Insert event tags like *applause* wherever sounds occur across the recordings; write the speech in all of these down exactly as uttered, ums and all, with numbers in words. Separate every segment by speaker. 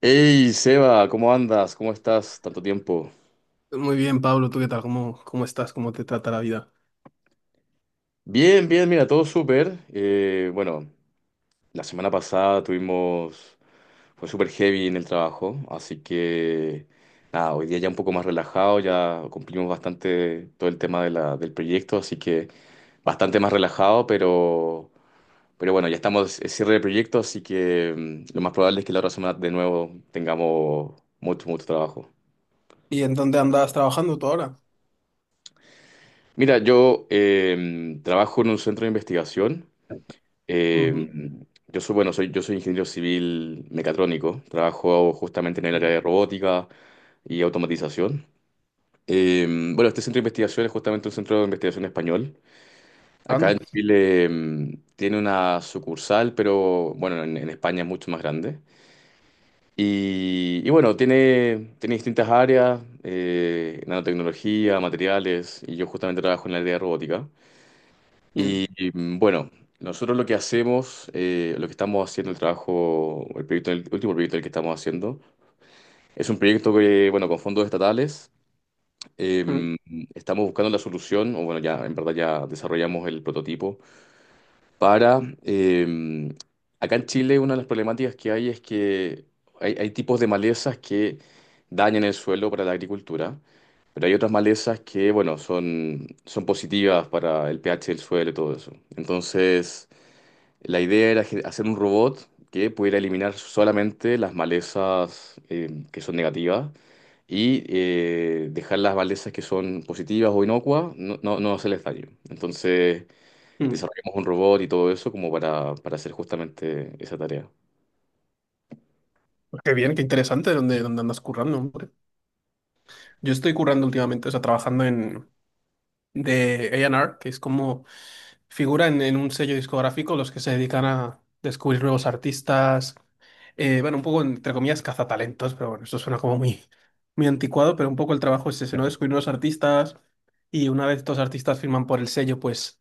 Speaker 1: Hey Seba, ¿cómo andas? ¿Cómo estás? Tanto tiempo.
Speaker 2: Muy bien, Pablo, ¿tú qué tal? ¿Cómo, cómo estás? ¿Cómo te trata la vida?
Speaker 1: Bien, bien, mira, todo súper. Eh, bueno, la semana pasada tuvimos, fue súper heavy en el trabajo, así que nada, hoy día ya un poco más relajado, ya cumplimos bastante todo el tema de la- del proyecto, así que bastante más relajado, pero, pero bueno, ya estamos en cierre de proyecto, así que mm, lo más probable es que la otra semana de nuevo tengamos mucho, mucho trabajo.
Speaker 2: ¿Y en dónde andas trabajando tú ahora?
Speaker 1: Mira, yo em, trabajo en un centro de investigación.
Speaker 2: Ujú.
Speaker 1: Eh, yo soy, bueno, soy, yo soy ingeniero civil mecatrónico, trabajo justamente en el área
Speaker 2: Mm.
Speaker 1: de robótica y automatización. Eh, bueno, este centro de investigación es justamente un centro de investigación español. Acá
Speaker 2: Anda.
Speaker 1: en Chile, eh, tiene una sucursal, pero bueno, en, en España es mucho más grande. Y, y bueno, tiene, tiene distintas áreas, eh, nanotecnología, materiales, y yo justamente trabajo en el área de robótica. Y
Speaker 2: Mm,
Speaker 1: y, mm, bueno, nosotros lo que hacemos, eh, lo que estamos haciendo, el trabajo, el proyecto, el último proyecto el que estamos haciendo, es un proyecto que, bueno, con fondos estatales,
Speaker 2: mm,
Speaker 1: eh, estamos buscando la solución, o bueno, ya en verdad ya desarrollamos el prototipo, para, eh, acá en Chile una de las problemáticas que hay es que hay, hay tipos de malezas que dañan el suelo para la agricultura. Pero hay otras malezas que, bueno, son, son positivas para el pH del suelo y todo eso. Entonces, la idea era ge- hacer un robot que pudiera eliminar solamente las malezas eh, que son negativas y eh, dejar las malezas que son positivas o inocuas no, no, no hacerles daño. Entonces
Speaker 2: mm.
Speaker 1: desarrollamos un robot y todo eso como para, para hacer justamente esa tarea.
Speaker 2: Pues qué bien, qué interesante dónde, dónde andas currando, hombre. Yo estoy currando últimamente, o sea, trabajando en de A y R, que es como figura en, en un sello discográfico los que se dedican a descubrir nuevos artistas, eh, bueno, un poco entre comillas cazatalentos, pero bueno, eso suena como muy, muy anticuado, pero un poco el trabajo es ese, ¿no? Descubrir nuevos artistas y una vez estos artistas firman por el sello, pues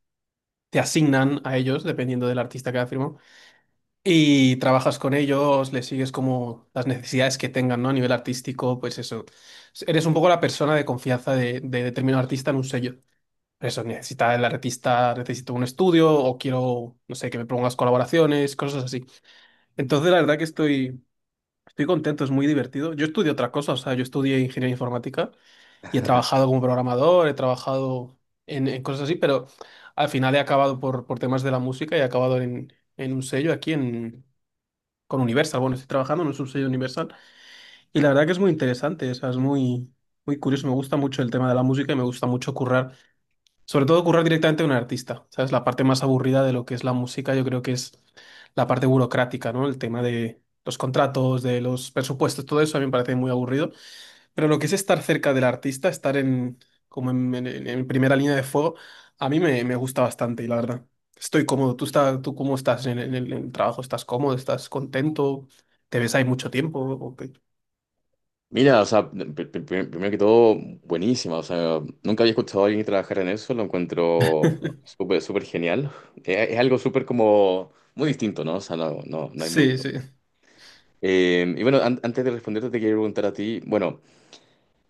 Speaker 2: te asignan a ellos, dependiendo del artista que ha firmado, y trabajas con ellos, les sigues como las necesidades que tengan, ¿no? A nivel artístico, pues eso. Eres un poco la persona de confianza de, de determinado artista en un sello. Eso, necesita el artista, necesito un estudio o quiero, no sé, que me pongas colaboraciones, cosas así. Entonces, la verdad que estoy, estoy contento, es muy divertido. Yo estudié otra cosa, o sea, yo estudié ingeniería informática y he trabajado
Speaker 1: *laughs*
Speaker 2: como programador, he trabajado en, en cosas así, pero al final he acabado por, por temas de la música y he acabado en, en un sello aquí en, con Universal. Bueno, estoy trabajando en un sello Universal y la verdad que es muy interesante, o sea, es muy, muy curioso. Me gusta mucho el tema de la música y me gusta mucho currar, sobre todo currar directamente a un artista, ¿sabes? La parte más aburrida de lo que es la música, yo creo que es la parte burocrática, ¿no? El tema de los contratos, de los presupuestos, todo eso a mí me parece muy aburrido. Pero lo que es estar cerca del artista, estar en, como en, en- en- primera línea de fuego, a mí me, me gusta bastante y la verdad. Estoy cómodo. ¿Tú, está tú cómo estás en, el en el- en el trabajo? ¿Estás cómodo? ¿Estás contento? ¿Te ves ahí mucho tiempo? ¿O qué?
Speaker 1: Mira, o sea, pr- pr- pr- primero que todo, buenísima. O sea, nunca había escuchado a alguien trabajar en eso, lo encuentro súper, súper genial. Eh, Es, algo súper como muy distinto, ¿no? O sea, no, no, no hay
Speaker 2: Sí,
Speaker 1: mucho.
Speaker 2: sí.
Speaker 1: Eh, y bueno, an- antes de responderte, te quiero preguntar a ti, bueno,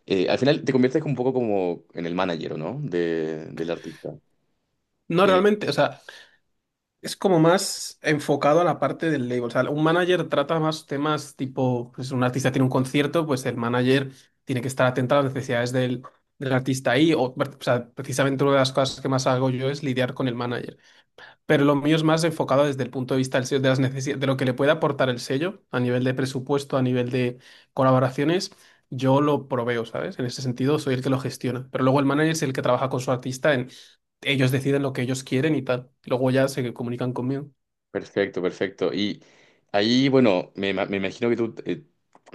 Speaker 1: eh, al final te conviertes un poco como en el manager, ¿no? De, del artista.
Speaker 2: No,
Speaker 1: Eh,
Speaker 2: realmente, o sea, es como más enfocado a la parte del label. O sea, un manager trata más temas tipo, pues un artista tiene un concierto, pues el manager tiene que estar atento a las necesidades del, del artista ahí. O, o sea, precisamente una de las cosas que más hago yo es lidiar con el manager. Pero lo mío es más enfocado desde el punto de vista del sello, de las necesi- de lo que le puede aportar el sello a nivel de presupuesto, a nivel de colaboraciones. Yo lo proveo, ¿sabes? En ese sentido, soy el que lo gestiona. Pero luego el manager es el que trabaja con su artista en ellos deciden lo que ellos quieren y tal. Luego ya se comunican conmigo.
Speaker 1: Perfecto, perfecto. Y ahí, bueno, me, ima- me imagino que tú, eh,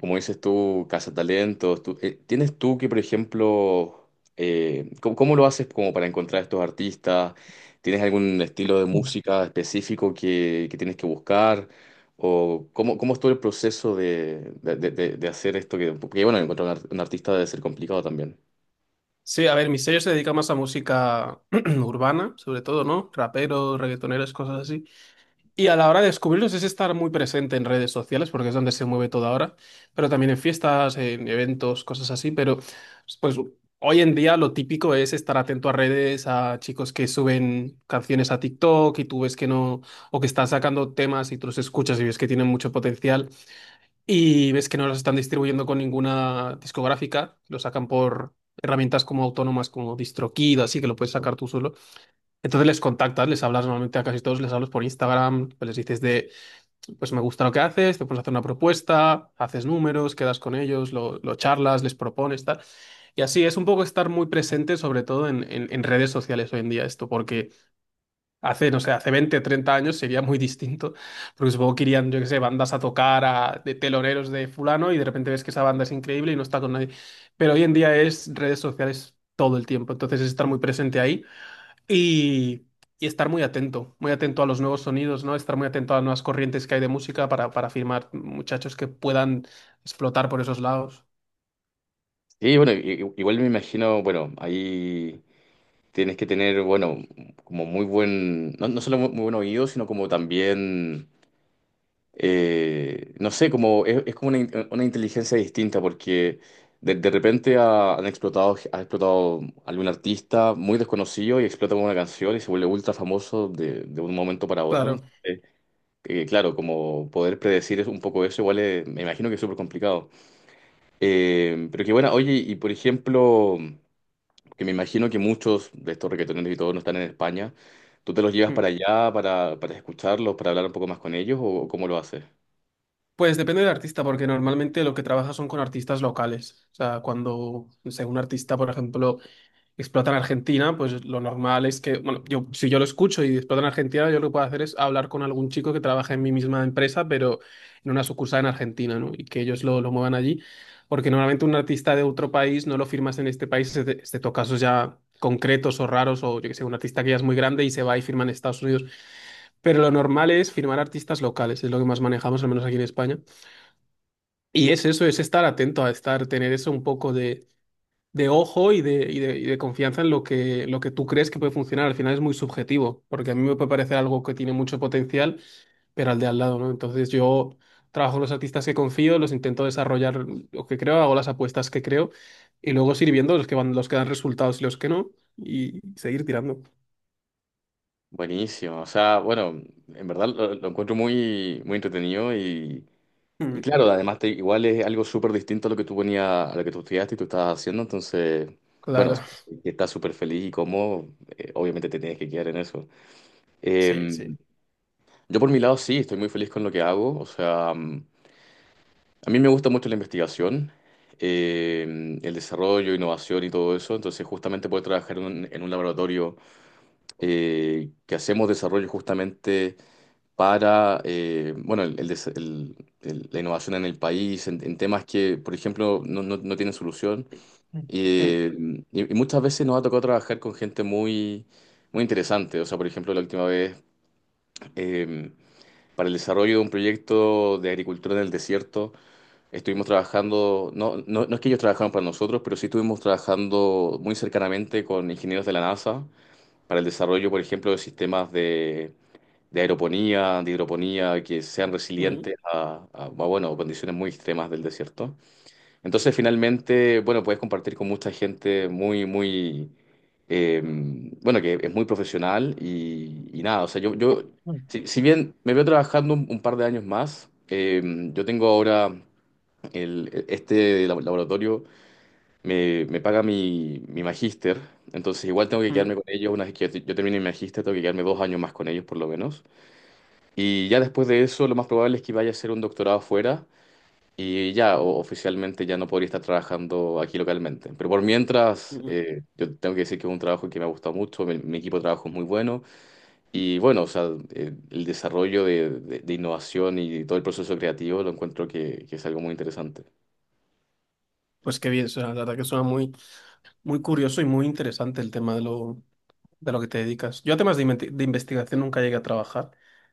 Speaker 1: como dices tú, cazatalentos, tú, eh, ¿tienes tú que, por ejemplo, eh, ¿cómo, cómo lo haces como para encontrar estos artistas? ¿Tienes algún estilo de música específico que, que tienes que buscar? ¿O cómo, cómo es todo el proceso de, de- de- de- de hacer esto? Que, porque, bueno, encontrar un, ar- un artista debe ser complicado también.
Speaker 2: Sí, a ver, mi sello se dedica más a música *clears throat* urbana, sobre todo, ¿no? Raperos, reggaetoneros, cosas así. Y a la hora de descubrirlos es estar muy presente en redes sociales, porque es donde se mueve todo ahora, pero también en fiestas, en eventos, cosas así. Pero pues hoy en día lo típico es estar atento a redes, a chicos que suben canciones a TikTok y tú ves que no, o que están sacando temas y tú los escuchas y ves que tienen mucho potencial y ves que no los están distribuyendo con ninguna discográfica, lo sacan por herramientas como autónomas, como DistroKid, así que lo puedes sacar tú solo. Entonces les contactas, les hablas normalmente a casi todos, les hablas por Instagram, pues les dices de, pues me gusta lo que haces, te pones a hacer una propuesta, haces números, quedas con ellos, lo, lo charlas, les propones, tal. Y así es un poco estar muy presente, sobre todo en, en- en redes sociales hoy en día esto, porque hace, no sé, hace veinte treinta años sería muy distinto, porque supongo que irían, yo qué sé, bandas a tocar a- de teloneros de fulano y de repente ves que esa banda es increíble y no está con nadie. Pero hoy en día es redes sociales todo el tiempo, entonces es estar muy presente ahí y, y estar muy atento, muy atento a los nuevos sonidos, ¿no? Estar muy atento a las nuevas corrientes que hay de música para, para firmar muchachos que puedan explotar por esos lados.
Speaker 1: Sí, bueno, i- i- igual me imagino, bueno, ahí... Tienes que tener, bueno, como muy buen, no, no solo muy, muy buen oído, sino como también, eh, no sé, como es, es como una, in- una inteligencia distinta, porque de, de repente ha- han explotado, ha explotado algún artista muy desconocido y explota con una canción y se vuelve ultra famoso de, de un momento para otro.
Speaker 2: Claro.
Speaker 1: Eh, eh, claro, como poder predecir es un poco eso, igual es- me imagino que es súper complicado. Eh, pero que bueno, oye, y por ejemplo que me imagino que muchos de estos reggaetoneros y todos no están en España, ¿tú te los llevas
Speaker 2: Mm.
Speaker 1: para allá para, para escucharlos, para hablar un poco más con ellos o cómo lo haces?
Speaker 2: Pues depende del artista, porque normalmente lo que trabaja son con artistas locales. O sea, cuando, no sé, un artista, por ejemplo, explotan a Argentina, pues lo normal es que, bueno, yo, si yo lo escucho y explotan a Argentina, yo lo que puedo hacer es hablar con algún chico que trabaja en mi misma empresa, pero en una sucursal en Argentina, ¿no? Y que ellos lo, lo muevan allí, porque normalmente un artista de otro país no lo firmas en este país, exce- excepto casos ya concretos o raros, o yo que sé, un artista que ya es muy grande y se va y firma en Estados Unidos. Pero lo normal es firmar artistas locales, es lo que más manejamos, al menos aquí en España. Y es eso, es estar atento a estar, tener eso un poco de de ojo y de, y de, y de confianza en lo que, lo que tú crees que puede funcionar. Al final es muy subjetivo, porque a mí me puede parecer algo que tiene mucho potencial, pero al de al lado, ¿no? Entonces yo trabajo con los artistas que confío, los intento desarrollar lo que creo, hago las apuestas que creo, y luego seguir viendo los que van, los que dan resultados y los que no, y seguir tirando.
Speaker 1: Buenísimo, o sea, bueno, en verdad lo, lo encuentro muy, muy entretenido y, y
Speaker 2: Mm,
Speaker 1: claro, además te- igual es algo súper distinto a lo que tú ponías, a lo que tú estudiaste y tú estabas haciendo, entonces, bueno,
Speaker 2: claro,
Speaker 1: si estás súper feliz y cómodo, eh, obviamente te tienes que quedar en eso.
Speaker 2: sí,
Speaker 1: Eh,
Speaker 2: sí.
Speaker 1: yo por mi lado sí, estoy muy feliz con lo que hago, o sea... mm, a mí me gusta mucho la investigación, eh, el desarrollo, innovación y todo eso. Entonces, justamente poder trabajar en un, en un laboratorio eh, que hacemos desarrollo justamente para, eh, bueno, el- el des- el- el- la innovación en el país, en, en temas que, por ejemplo, no, no- no tienen solución.
Speaker 2: Mm,
Speaker 1: Eh, y, y muchas veces nos ha tocado trabajar con gente muy, muy interesante. O sea, por ejemplo, la última vez, eh, para el desarrollo de un proyecto de agricultura en el desierto. Estuvimos trabajando, no, no, no es que ellos trabajaron para nosotros, pero sí estuvimos trabajando muy cercanamente con ingenieros de la NASA para el desarrollo, por ejemplo, de sistemas de, de aeroponía, de hidroponía, que sean
Speaker 2: mm,
Speaker 1: resilientes a, a, a, bueno, condiciones muy extremas del desierto. Entonces, finalmente, bueno, puedes compartir con mucha gente muy, muy, eh, bueno, que es muy profesional y, y nada, o sea, yo, yo
Speaker 2: mm,
Speaker 1: si, si bien me veo trabajando un, un par de años más, eh, yo tengo ahora el- este lab- laboratorio me, me paga mi, mi magíster, entonces igual tengo que quedarme
Speaker 2: mm,
Speaker 1: con ellos. Una vez que yo termine mi magíster, tengo que quedarme dos años más con ellos por lo menos. Y ya después de eso, lo más probable es que vaya a hacer un doctorado afuera y ya o- oficialmente ya no podría estar trabajando aquí localmente. Pero por mientras,
Speaker 2: mm.
Speaker 1: eh, yo tengo que decir que es un trabajo que me ha gustado mucho, mi, mi equipo de trabajo es muy bueno y bueno, o sea, eh, el desarrollo de, de- de innovación y todo el proceso creativo lo encuentro que que es algo muy interesante.
Speaker 2: Pues qué bien, o sea la verdad que suena muy, muy curioso y muy interesante el tema de lo, de lo que te dedicas. Yo a temas de, inventi- de investigación nunca llegué a trabajar.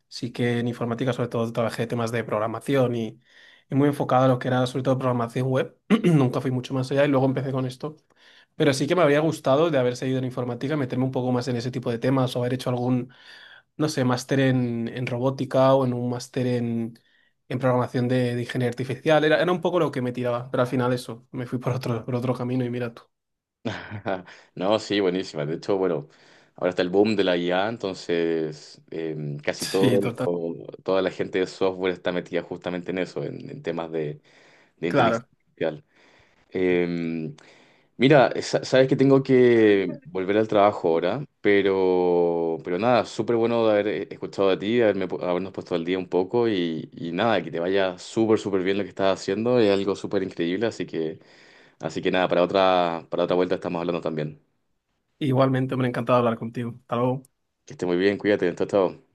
Speaker 2: Sí que en informática sobre todo trabajé temas de programación y, y muy enfocado a lo que era sobre todo programación web. *clears throat* Nunca fui mucho más allá y luego empecé con esto. Pero sí que me habría gustado de haber seguido en informática, meterme un poco más en ese tipo de temas o haber hecho algún, no sé, máster en, en robótica o en un máster en, en programación de, de ingeniería artificial. Era, era un poco lo que me tiraba, pero al final eso, me fui por otro, por otro camino y mira tú.
Speaker 1: *laughs* No, sí, buenísima. De hecho, bueno, ahora está el boom de la I A, entonces eh,
Speaker 2: *laughs*
Speaker 1: casi
Speaker 2: Sí,
Speaker 1: todo
Speaker 2: total.
Speaker 1: lo- toda la gente de software está metida justamente en eso, en, en temas de, de inteligencia
Speaker 2: Claro.
Speaker 1: artificial. Eh, Mira, sa- sabes que tengo que volver al trabajo ahora, pero, pero nada, súper bueno de haber eh, escuchado de ti, haberme pu- habernos puesto al día un poco y, y nada, que te vaya súper, súper bien lo que estás haciendo, es algo súper increíble, así que, así que nada, para otra, para otra vuelta estamos hablando también.
Speaker 2: Igualmente, me ha encantado hablar contigo. Hasta luego.
Speaker 1: Que esté muy bien, cuídate, chao, chao.